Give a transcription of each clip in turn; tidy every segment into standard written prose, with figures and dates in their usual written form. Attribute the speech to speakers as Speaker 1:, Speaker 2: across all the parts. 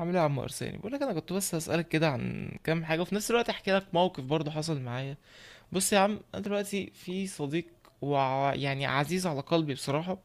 Speaker 1: عامل ايه يا عم ارساني؟ بقول لك، انا كنت بس هسالك كده عن كام حاجه، وفي نفس الوقت احكي لك موقف برضه حصل معايا. بص يا عم، انا دلوقتي في صديق يعني عزيز على قلبي بصراحه.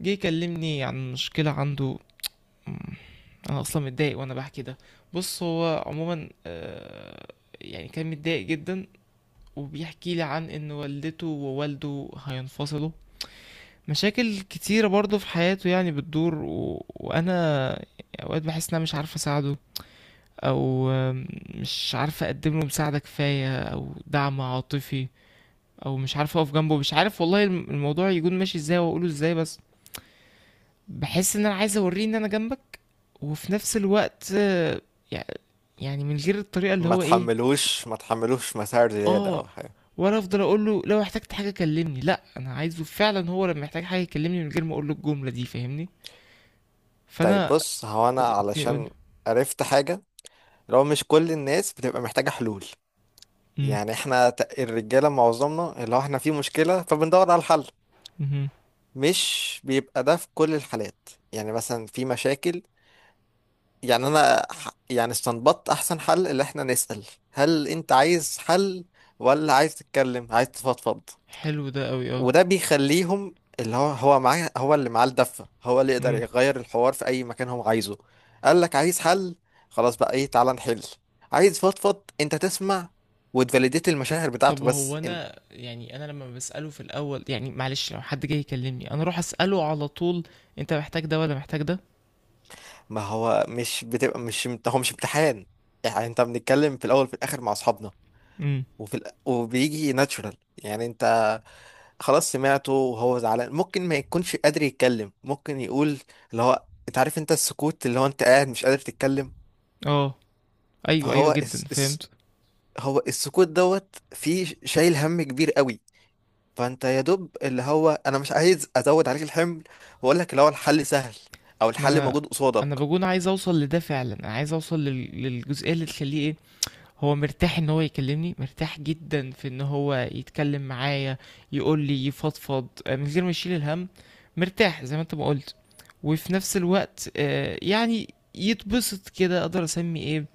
Speaker 1: جه يكلمني عن مشكله عنده. مم، انا اصلا متضايق وانا بحكي ده. بص هو عموما يعني كان متضايق جدا، وبيحكي لي عن ان والدته ووالده هينفصلوا. مشاكل كتيرة برضه في حياته يعني بتدور وانا اوقات بحس ان انا مش عارف اساعده. او مش عارف اقدم له مساعدة كفاية او دعم عاطفي. او مش عارف اقف جنبه، مش عارف والله الموضوع يكون ماشي ازاي واقوله ازاي بس. بحس ان انا عايز اوريه ان انا جنبك. وفي نفس الوقت يع- يعني من غير الطريقة اللي
Speaker 2: ما
Speaker 1: هو ايه.
Speaker 2: تحملوش ما تحملوش مسار زيادة أو
Speaker 1: اه،
Speaker 2: حاجة.
Speaker 1: ولا افضل اقول له لو احتجت حاجة كلمني؟ لا، انا عايزه فعلا هو لما يحتاج حاجة يكلمني من غير ما اقول له الجملة دي، فاهمني؟
Speaker 2: طيب
Speaker 1: فانا
Speaker 2: بص، هو أنا
Speaker 1: اوكي قول.
Speaker 2: علشان عرفت حاجة، لو مش كل الناس بتبقى محتاجة حلول. يعني احنا الرجالة معظمنا اللي هو احنا في مشكلة فبندور على الحل.
Speaker 1: امم.
Speaker 2: مش بيبقى ده في كل الحالات، يعني مثلا في مشاكل، يعني أنا يعني استنبطت أحسن حل، اللي احنا نسأل هل أنت عايز حل، ولا عايز تتكلم عايز تفضفض؟
Speaker 1: حلو ده قوي، اه.
Speaker 2: وده بيخليهم اللي هو معاه، هو اللي معاه الدفة، هو اللي يقدر
Speaker 1: مم.
Speaker 2: يغير الحوار في أي مكان هو عايزه. قال لك عايز حل، خلاص بقى إيه، تعالى نحل. عايز فضفض، أنت تسمع وتفاليديت المشاعر
Speaker 1: طب
Speaker 2: بتاعته
Speaker 1: هو
Speaker 2: بس انت.
Speaker 1: انا يعني انا لما بسأله في الاول يعني، معلش لو حد جاي يكلمني انا اروح اسأله على طول: انت محتاج ده ولا محتاج ده؟
Speaker 2: ما هو مش بتبقى، مش هو مش امتحان، يعني أنت بنتكلم في الأول في الآخر مع أصحابنا،
Speaker 1: امم.
Speaker 2: وبيجي ناتشورال، يعني أنت خلاص سمعته وهو زعلان، ممكن ما يكونش قادر يتكلم، ممكن يقول اللي هو أنت عارف أنت السكوت، اللي هو أنت قاعد مش قادر تتكلم.
Speaker 1: اه. ايوه، ايوه
Speaker 2: فهو
Speaker 1: جدا، فهمت.
Speaker 2: هو السكوت دوت فيه، شايل هم كبير قوي. فانت يا دوب اللي هو انا مش عايز ازود عليك الحمل واقول لك اللي هو الحل سهل، او
Speaker 1: ما
Speaker 2: الحل
Speaker 1: انا
Speaker 2: موجود
Speaker 1: انا
Speaker 2: قصادك.
Speaker 1: بكون عايز اوصل لده فعلا، انا عايز اوصل للجزئيه اللي تخليه ايه. هو مرتاح ان هو يكلمني، مرتاح جدا في ان هو يتكلم معايا، يقول لي يفضفض من غير ما يشيل الهم. مرتاح زي ما انت ما قلت. وفي نفس الوقت يعني يتبسط كده اقدر اسمي ايه.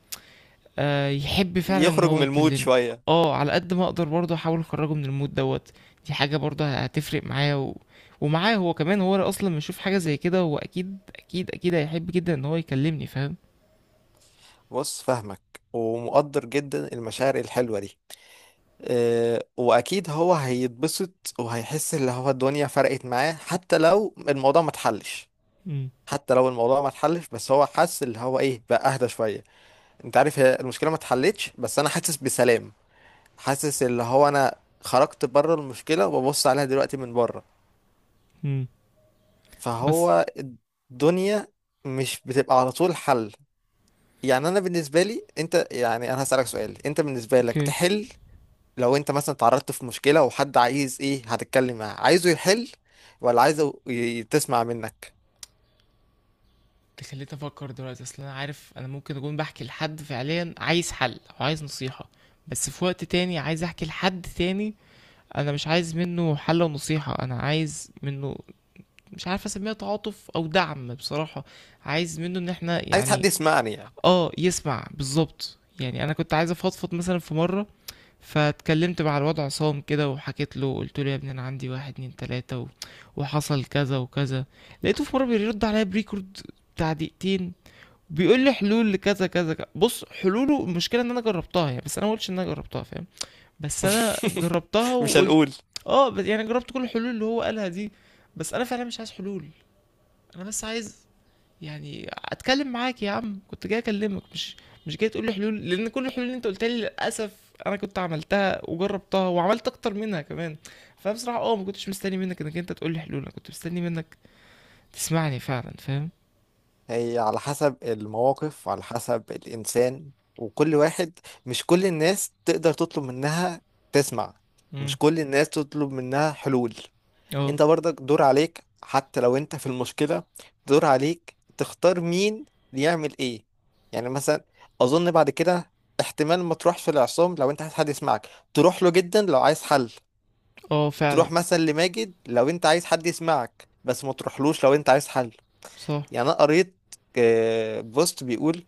Speaker 1: يحب فعلا ان
Speaker 2: يخرج
Speaker 1: هو
Speaker 2: من المود
Speaker 1: يكلمني.
Speaker 2: شوية.
Speaker 1: اه، على قد ما اقدر برضه احاول اخرجه من المود دوت. دي حاجه برضه هتفرق معاه ومعاه هو كمان، هو اصلا لما يشوف حاجه زي كده هو اكيد اكيد اكيد هيحب جدا ان هو يكلمني، فاهم؟
Speaker 2: بص فاهمك، ومقدر جدا المشاعر الحلوة دي. أه، واكيد هو هيتبسط وهيحس اللي هو الدنيا فرقت معاه حتى لو الموضوع ما اتحلش.
Speaker 1: امم.
Speaker 2: حتى لو الموضوع ما اتحلش بس هو حس اللي هو ايه، بقى اهدى شوية. انت عارف، هي المشكلة ما اتحلتش بس انا حاسس بسلام، حاسس اللي هو انا خرجت بره المشكله وببص عليها دلوقتي من بره.
Speaker 1: امم. بس.
Speaker 2: فهو الدنيا مش بتبقى على طول حل. يعني انا بالنسبه لي انت، يعني انا هسالك سؤال، انت بالنسبه لك
Speaker 1: اوكي،
Speaker 2: تحل، لو انت مثلا اتعرضت في مشكله وحد عايز ايه، هتتكلم معاه عايزه يحل، ولا عايزه تسمع منك؟
Speaker 1: انت خليت افكر دلوقتي. اصل انا عارف انا ممكن اكون بحكي لحد فعليا عايز حل او عايز نصيحه، بس في وقت تاني عايز احكي لحد تاني. انا مش عايز منه حل ونصيحه، انا عايز منه، مش عارف اسميها، تعاطف او دعم بصراحة. عايز منه ان احنا
Speaker 2: عايز حد
Speaker 1: يعني،
Speaker 2: يسمعني يعني.
Speaker 1: اه، يسمع بالظبط. يعني انا كنت عايز افضفض مثلا في مرة، فاتكلمت مع الوضع عصام كده وحكيت له قلت له يا ابني انا عندي واحد اتنين تلاتة وحصل كذا وكذا. لقيته في مرة بيرد عليا بريكورد بتاع دقيقتين، بيقول لي حلول لكذا كذا كذا. بص حلوله، المشكلة ان انا جربتها يعني، بس انا ما قلتش ان انا جربتها، فاهم؟ بس انا جربتها
Speaker 2: مش
Speaker 1: وقلت،
Speaker 2: هنقول.
Speaker 1: اه، بس يعني جربت كل الحلول اللي هو قالها دي. بس انا فعلا مش عايز حلول، انا بس عايز، يعني اتكلم معاك يا عم، كنت جاي اكلمك مش جاي تقول لي حلول، لان كل الحلول اللي انت قلتها لي للاسف انا كنت عملتها وجربتها وعملت اكتر منها كمان. فبصراحه ما كنتش مستني منك انك انت تقول لي حلول، انا كنت مستني منك تسمعني فعلا، فاهم؟
Speaker 2: هي على حسب المواقف، على حسب الإنسان، وكل واحد، مش كل الناس تقدر تطلب منها تسمع،
Speaker 1: امم.
Speaker 2: ومش كل الناس تطلب منها حلول.
Speaker 1: اه.
Speaker 2: انت برضك دور عليك حتى لو انت في المشكلة، دور عليك تختار مين يعمل ايه. يعني مثلا اظن بعد كده، احتمال ما تروحش في العصام لو انت عايز حد يسمعك، تروح له جدا لو عايز حل.
Speaker 1: اه فعلا.
Speaker 2: تروح مثلا لماجد لو انت عايز حد يسمعك، بس ما تروحلوش لو انت عايز حل.
Speaker 1: صح.
Speaker 2: يعني انا قريت بوست بيقول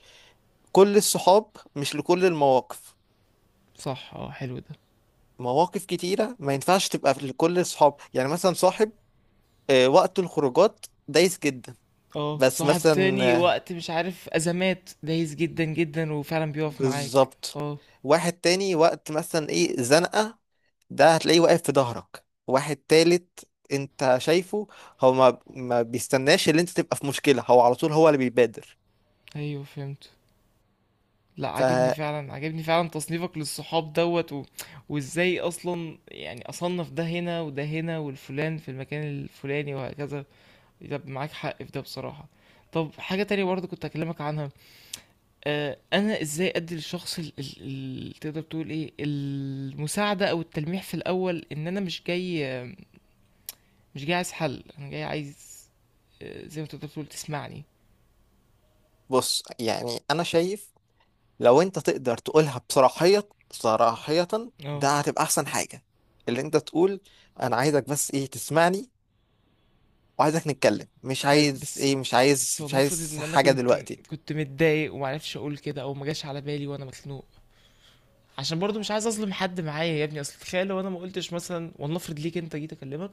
Speaker 2: كل الصحاب مش لكل المواقف.
Speaker 1: صح. اه، حلو ده،
Speaker 2: مواقف كتيرة ما ينفعش تبقى لكل الصحاب، يعني مثلا صاحب وقت الخروجات دايس جدا.
Speaker 1: اه.
Speaker 2: بس
Speaker 1: صاحب
Speaker 2: مثلا
Speaker 1: تاني وقت مش عارف ازمات، دايس جدا جدا وفعلا بيقف معاك.
Speaker 2: بالظبط،
Speaker 1: اه،
Speaker 2: واحد تاني وقت مثلا ايه زنقة، ده هتلاقيه واقف في ظهرك. واحد تالت انت شايفه هو ما بيستناش اللي انت تبقى في مشكلة، هو على طول هو اللي بيبادر.
Speaker 1: ايوه فهمت. لا، عاجبني
Speaker 2: فبص،
Speaker 1: فعلا، عاجبني فعلا تصنيفك للصحاب دوت وازاي اصلا يعني اصنف ده هنا وده هنا والفلان في المكان الفلاني وهكذا. يبقى معاك حق في ده بصراحة. طب حاجة تانية برضه كنت هكلمك عنها. انا ازاي ادي للشخص تقدر تقول ايه، المساعدة او التلميح في الاول ان انا مش جاي عايز حل، انا جاي عايز، زي ما تقدر تقول، تسمعني.
Speaker 2: يعني انا شايف لو انت تقدر تقولها بصراحية صراحية،
Speaker 1: اه،
Speaker 2: ده هتبقى احسن حاجة. اللي انت تقول انا عايزك بس ايه تسمعني، وعايزك نتكلم، مش
Speaker 1: حلو،
Speaker 2: عايز
Speaker 1: بس،
Speaker 2: ايه، مش عايز
Speaker 1: بس
Speaker 2: مش
Speaker 1: ولنفرض
Speaker 2: عايز
Speaker 1: ان انا
Speaker 2: حاجة
Speaker 1: كنت
Speaker 2: دلوقتي.
Speaker 1: كنت متضايق ومعرفش اقول كده او ما جاش على بالي وانا مخنوق، عشان برضو مش عايز اظلم حد معايا يا ابني. اصل تخيل لو انا ما قلتش مثلا، ولنفرض ليك انت جيت اكلمك،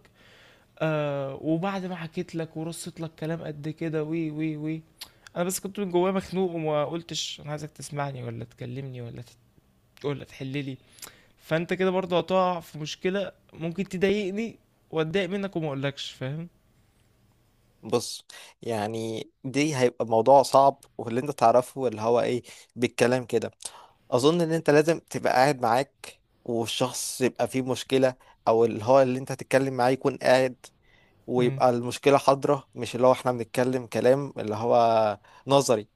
Speaker 1: وبعد ما حكيت لك ورصيت لك كلام قد كده وي وي وي، انا بس كنت من جوايا مخنوق وما قلتش انا عايزك تسمعني ولا تكلمني ولا ولا تحللي. فانت كده برضو هتقع في مشكلة، ممكن تضايقني واتضايق منك وما اقولكش، فاهم؟
Speaker 2: بص، يعني دي هيبقى موضوع صعب، واللي انت تعرفه اللي هو ايه بالكلام كده. اظن ان انت لازم تبقى قاعد معاك والشخص يبقى فيه مشكلة، او اللي هو اللي انت هتتكلم معاه يكون قاعد،
Speaker 1: امم.
Speaker 2: ويبقى المشكلة حاضرة، مش اللي هو احنا بنتكلم كلام اللي هو نظري.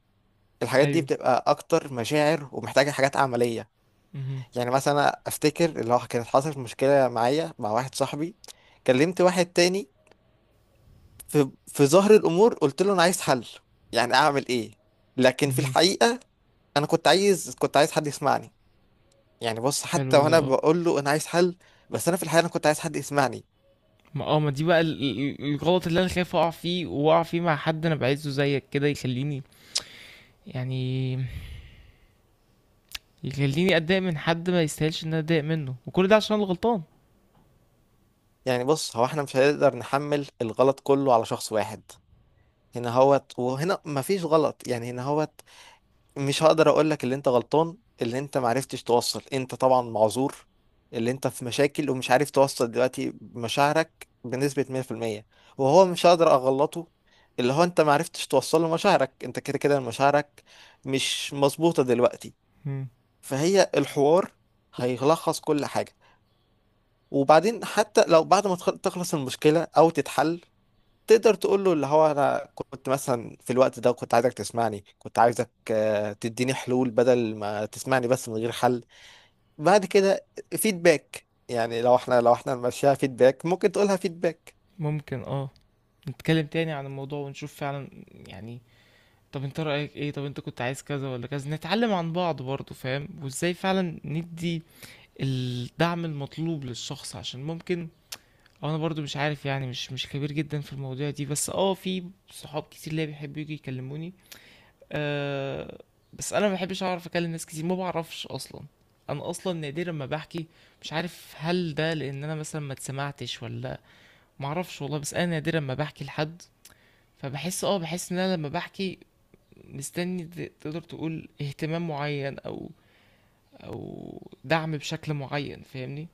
Speaker 2: الحاجات دي
Speaker 1: ايوه.
Speaker 2: بتبقى اكتر مشاعر، ومحتاجه حاجات عمليه.
Speaker 1: امم.
Speaker 2: يعني مثلا أنا افتكر اللي هو كانت حصلت مشكله معايا مع واحد صاحبي، كلمت واحد تاني في ظهر الامور، قلت له انا عايز حل، يعني اعمل ايه. لكن في
Speaker 1: امم.
Speaker 2: الحقيقه انا كنت عايز حد يسمعني. يعني بص،
Speaker 1: حلو
Speaker 2: حتى
Speaker 1: ده،
Speaker 2: وانا
Speaker 1: اه.
Speaker 2: بقول له انا عايز حل، بس انا في الحقيقه انا كنت عايز حد يسمعني.
Speaker 1: ما دي بقى الغلط اللي انا خايف اقع فيه واقع فيه مع حد انا بعزه زيك كده، يخليني يعني، يخليني اتضايق من حد ما يستاهلش ان انا اتضايق منه، وكل ده عشان الغلطان.
Speaker 2: يعني بص، هو احنا مش هنقدر نحمل الغلط كله على شخص واحد. هنا هوت وهنا مفيش غلط، يعني هنا هوت. مش هقدر اقول لك اللي انت غلطان، اللي انت معرفتش توصل، انت طبعا معذور، اللي انت في مشاكل ومش عارف توصل دلوقتي مشاعرك بنسبة 100%. وهو مش هقدر اغلطه، اللي هو انت معرفتش توصل له مشاعرك، انت كده كده مشاعرك مش مظبوطة دلوقتي.
Speaker 1: مم.
Speaker 2: فهي الحوار هيلخص كل حاجة. وبعدين حتى لو بعد ما تخلص المشكلة او تتحل، تقدر تقول له اللي هو انا كنت مثلا في الوقت ده كنت عايزك تسمعني، كنت عايزك تديني حلول بدل ما تسمعني بس من غير حل. بعد كده فيدباك، يعني لو احنا ماشيها فيدباك، ممكن تقولها فيدباك.
Speaker 1: ممكن، اه، نتكلم تاني عن الموضوع ونشوف فعلا يعني، طب انت رأيك ايه، طب انت كنت عايز كذا ولا كذا، نتعلم عن بعض برضه فاهم، وازاي فعلا ندي الدعم المطلوب للشخص عشان ممكن، أو انا برضو مش عارف يعني، مش خبير جدا في المواضيع دي، بس اه في صحاب كتير ليا بيحبوا يجي يكلموني. أه، بس انا ما بحبش، اعرف اكلم ناس كتير ما بعرفش اصلا، انا اصلا نادرا ما بحكي. مش عارف هل ده لان انا مثلا ما اتسمعتش ولا، ما اعرفش والله، بس انا نادرا ما بحكي لحد. فبحس اه بحس ان انا لما بحكي مستني، تقدر تقول اهتمام معين او، او دعم بشكل معين، فاهمني؟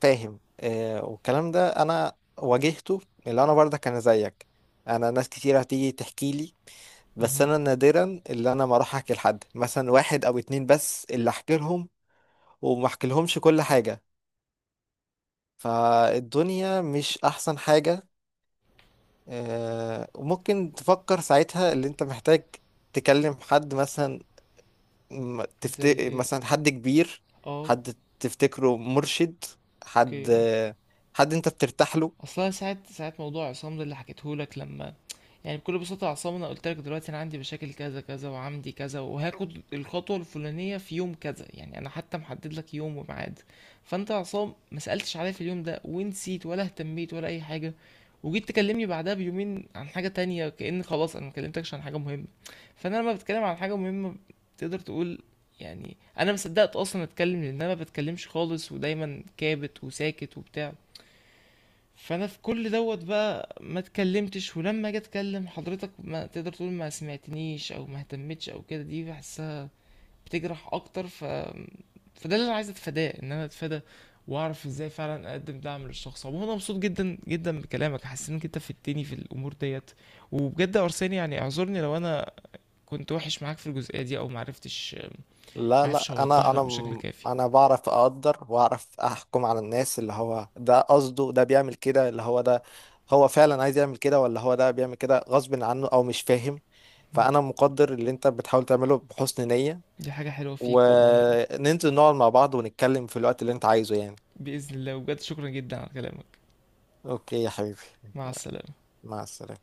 Speaker 2: فاهم. آه، والكلام ده انا واجهته، اللي انا برضه كان زيك. انا ناس كتير هتيجي تحكي لي، بس
Speaker 1: مهم.
Speaker 2: انا نادرا اللي انا ما اروح احكي لحد، مثلا واحد او اتنين بس اللي احكي لهم، وما احكي لهمش كل حاجة. فالدنيا مش احسن حاجة. وممكن تفكر ساعتها اللي انت محتاج تكلم حد، مثلا م- تفت...
Speaker 1: زي ايه؟
Speaker 2: مثلا حد كبير،
Speaker 1: اه.
Speaker 2: حد تفتكره مرشد، حد
Speaker 1: اوكي، اه.
Speaker 2: حد انت بترتاح له.
Speaker 1: اصلا ساعه ساعه موضوع عصام ده اللي حكيته لك لما، يعني بكل بساطه يا عصام انا قلت لك دلوقتي انا عندي مشاكل كذا كذا وعندي كذا وهاخد الخطوه الفلانيه في يوم كذا. يعني انا حتى محدد لك يوم وميعاد. فانت يا عصام ما سالتش عليا في اليوم ده ونسيت ولا اهتميت ولا اي حاجه، وجيت تكلمني بعدها بيومين عن حاجه تانية، كأن خلاص انا ما كلمتكش عن حاجه مهمه. فانا لما بتكلم عن حاجه مهمه تقدر تقول يعني، انا مصدقت اصلا اتكلم لان انا ما بتكلمش خالص ودايما كابت وساكت وبتاع. فانا في كل دوت بقى ما اتكلمتش، ولما اجي اتكلم حضرتك ما تقدر تقول ما سمعتنيش او ما اهتمتش او كده، دي بحسها بتجرح اكتر. ف، فده اللي انا عايز اتفاداه، ان انا اتفادى واعرف ازاي فعلا اقدم دعم للشخص. عموما انا مبسوط جدا جدا بكلامك، حاسس انك انت فدتني في الامور ديت. وبجد يا ارساني يعني، اعذرني لو انا كنت وحش معاك في الجزئيه دي او معرفتش
Speaker 2: لا
Speaker 1: معرفش
Speaker 2: لا، انا
Speaker 1: اوضح
Speaker 2: انا
Speaker 1: لك بشكل
Speaker 2: م-
Speaker 1: كافي.
Speaker 2: انا بعرف اقدر واعرف احكم على الناس، اللي هو ده قصده ده بيعمل كده، اللي هو ده هو فعلا عايز يعمل كده، ولا هو ده بيعمل كده غصب عنه او مش فاهم. فانا مقدر اللي انت بتحاول تعمله بحسن نية،
Speaker 1: دي حاجه حلوه فيك والله.
Speaker 2: وننزل نقعد مع بعض ونتكلم في الوقت اللي انت عايزه يعني.
Speaker 1: باذن الله، وبجد شكرا جدا على كلامك.
Speaker 2: اوكي يا حبيبي،
Speaker 1: مع السلامه.
Speaker 2: مع السلامة.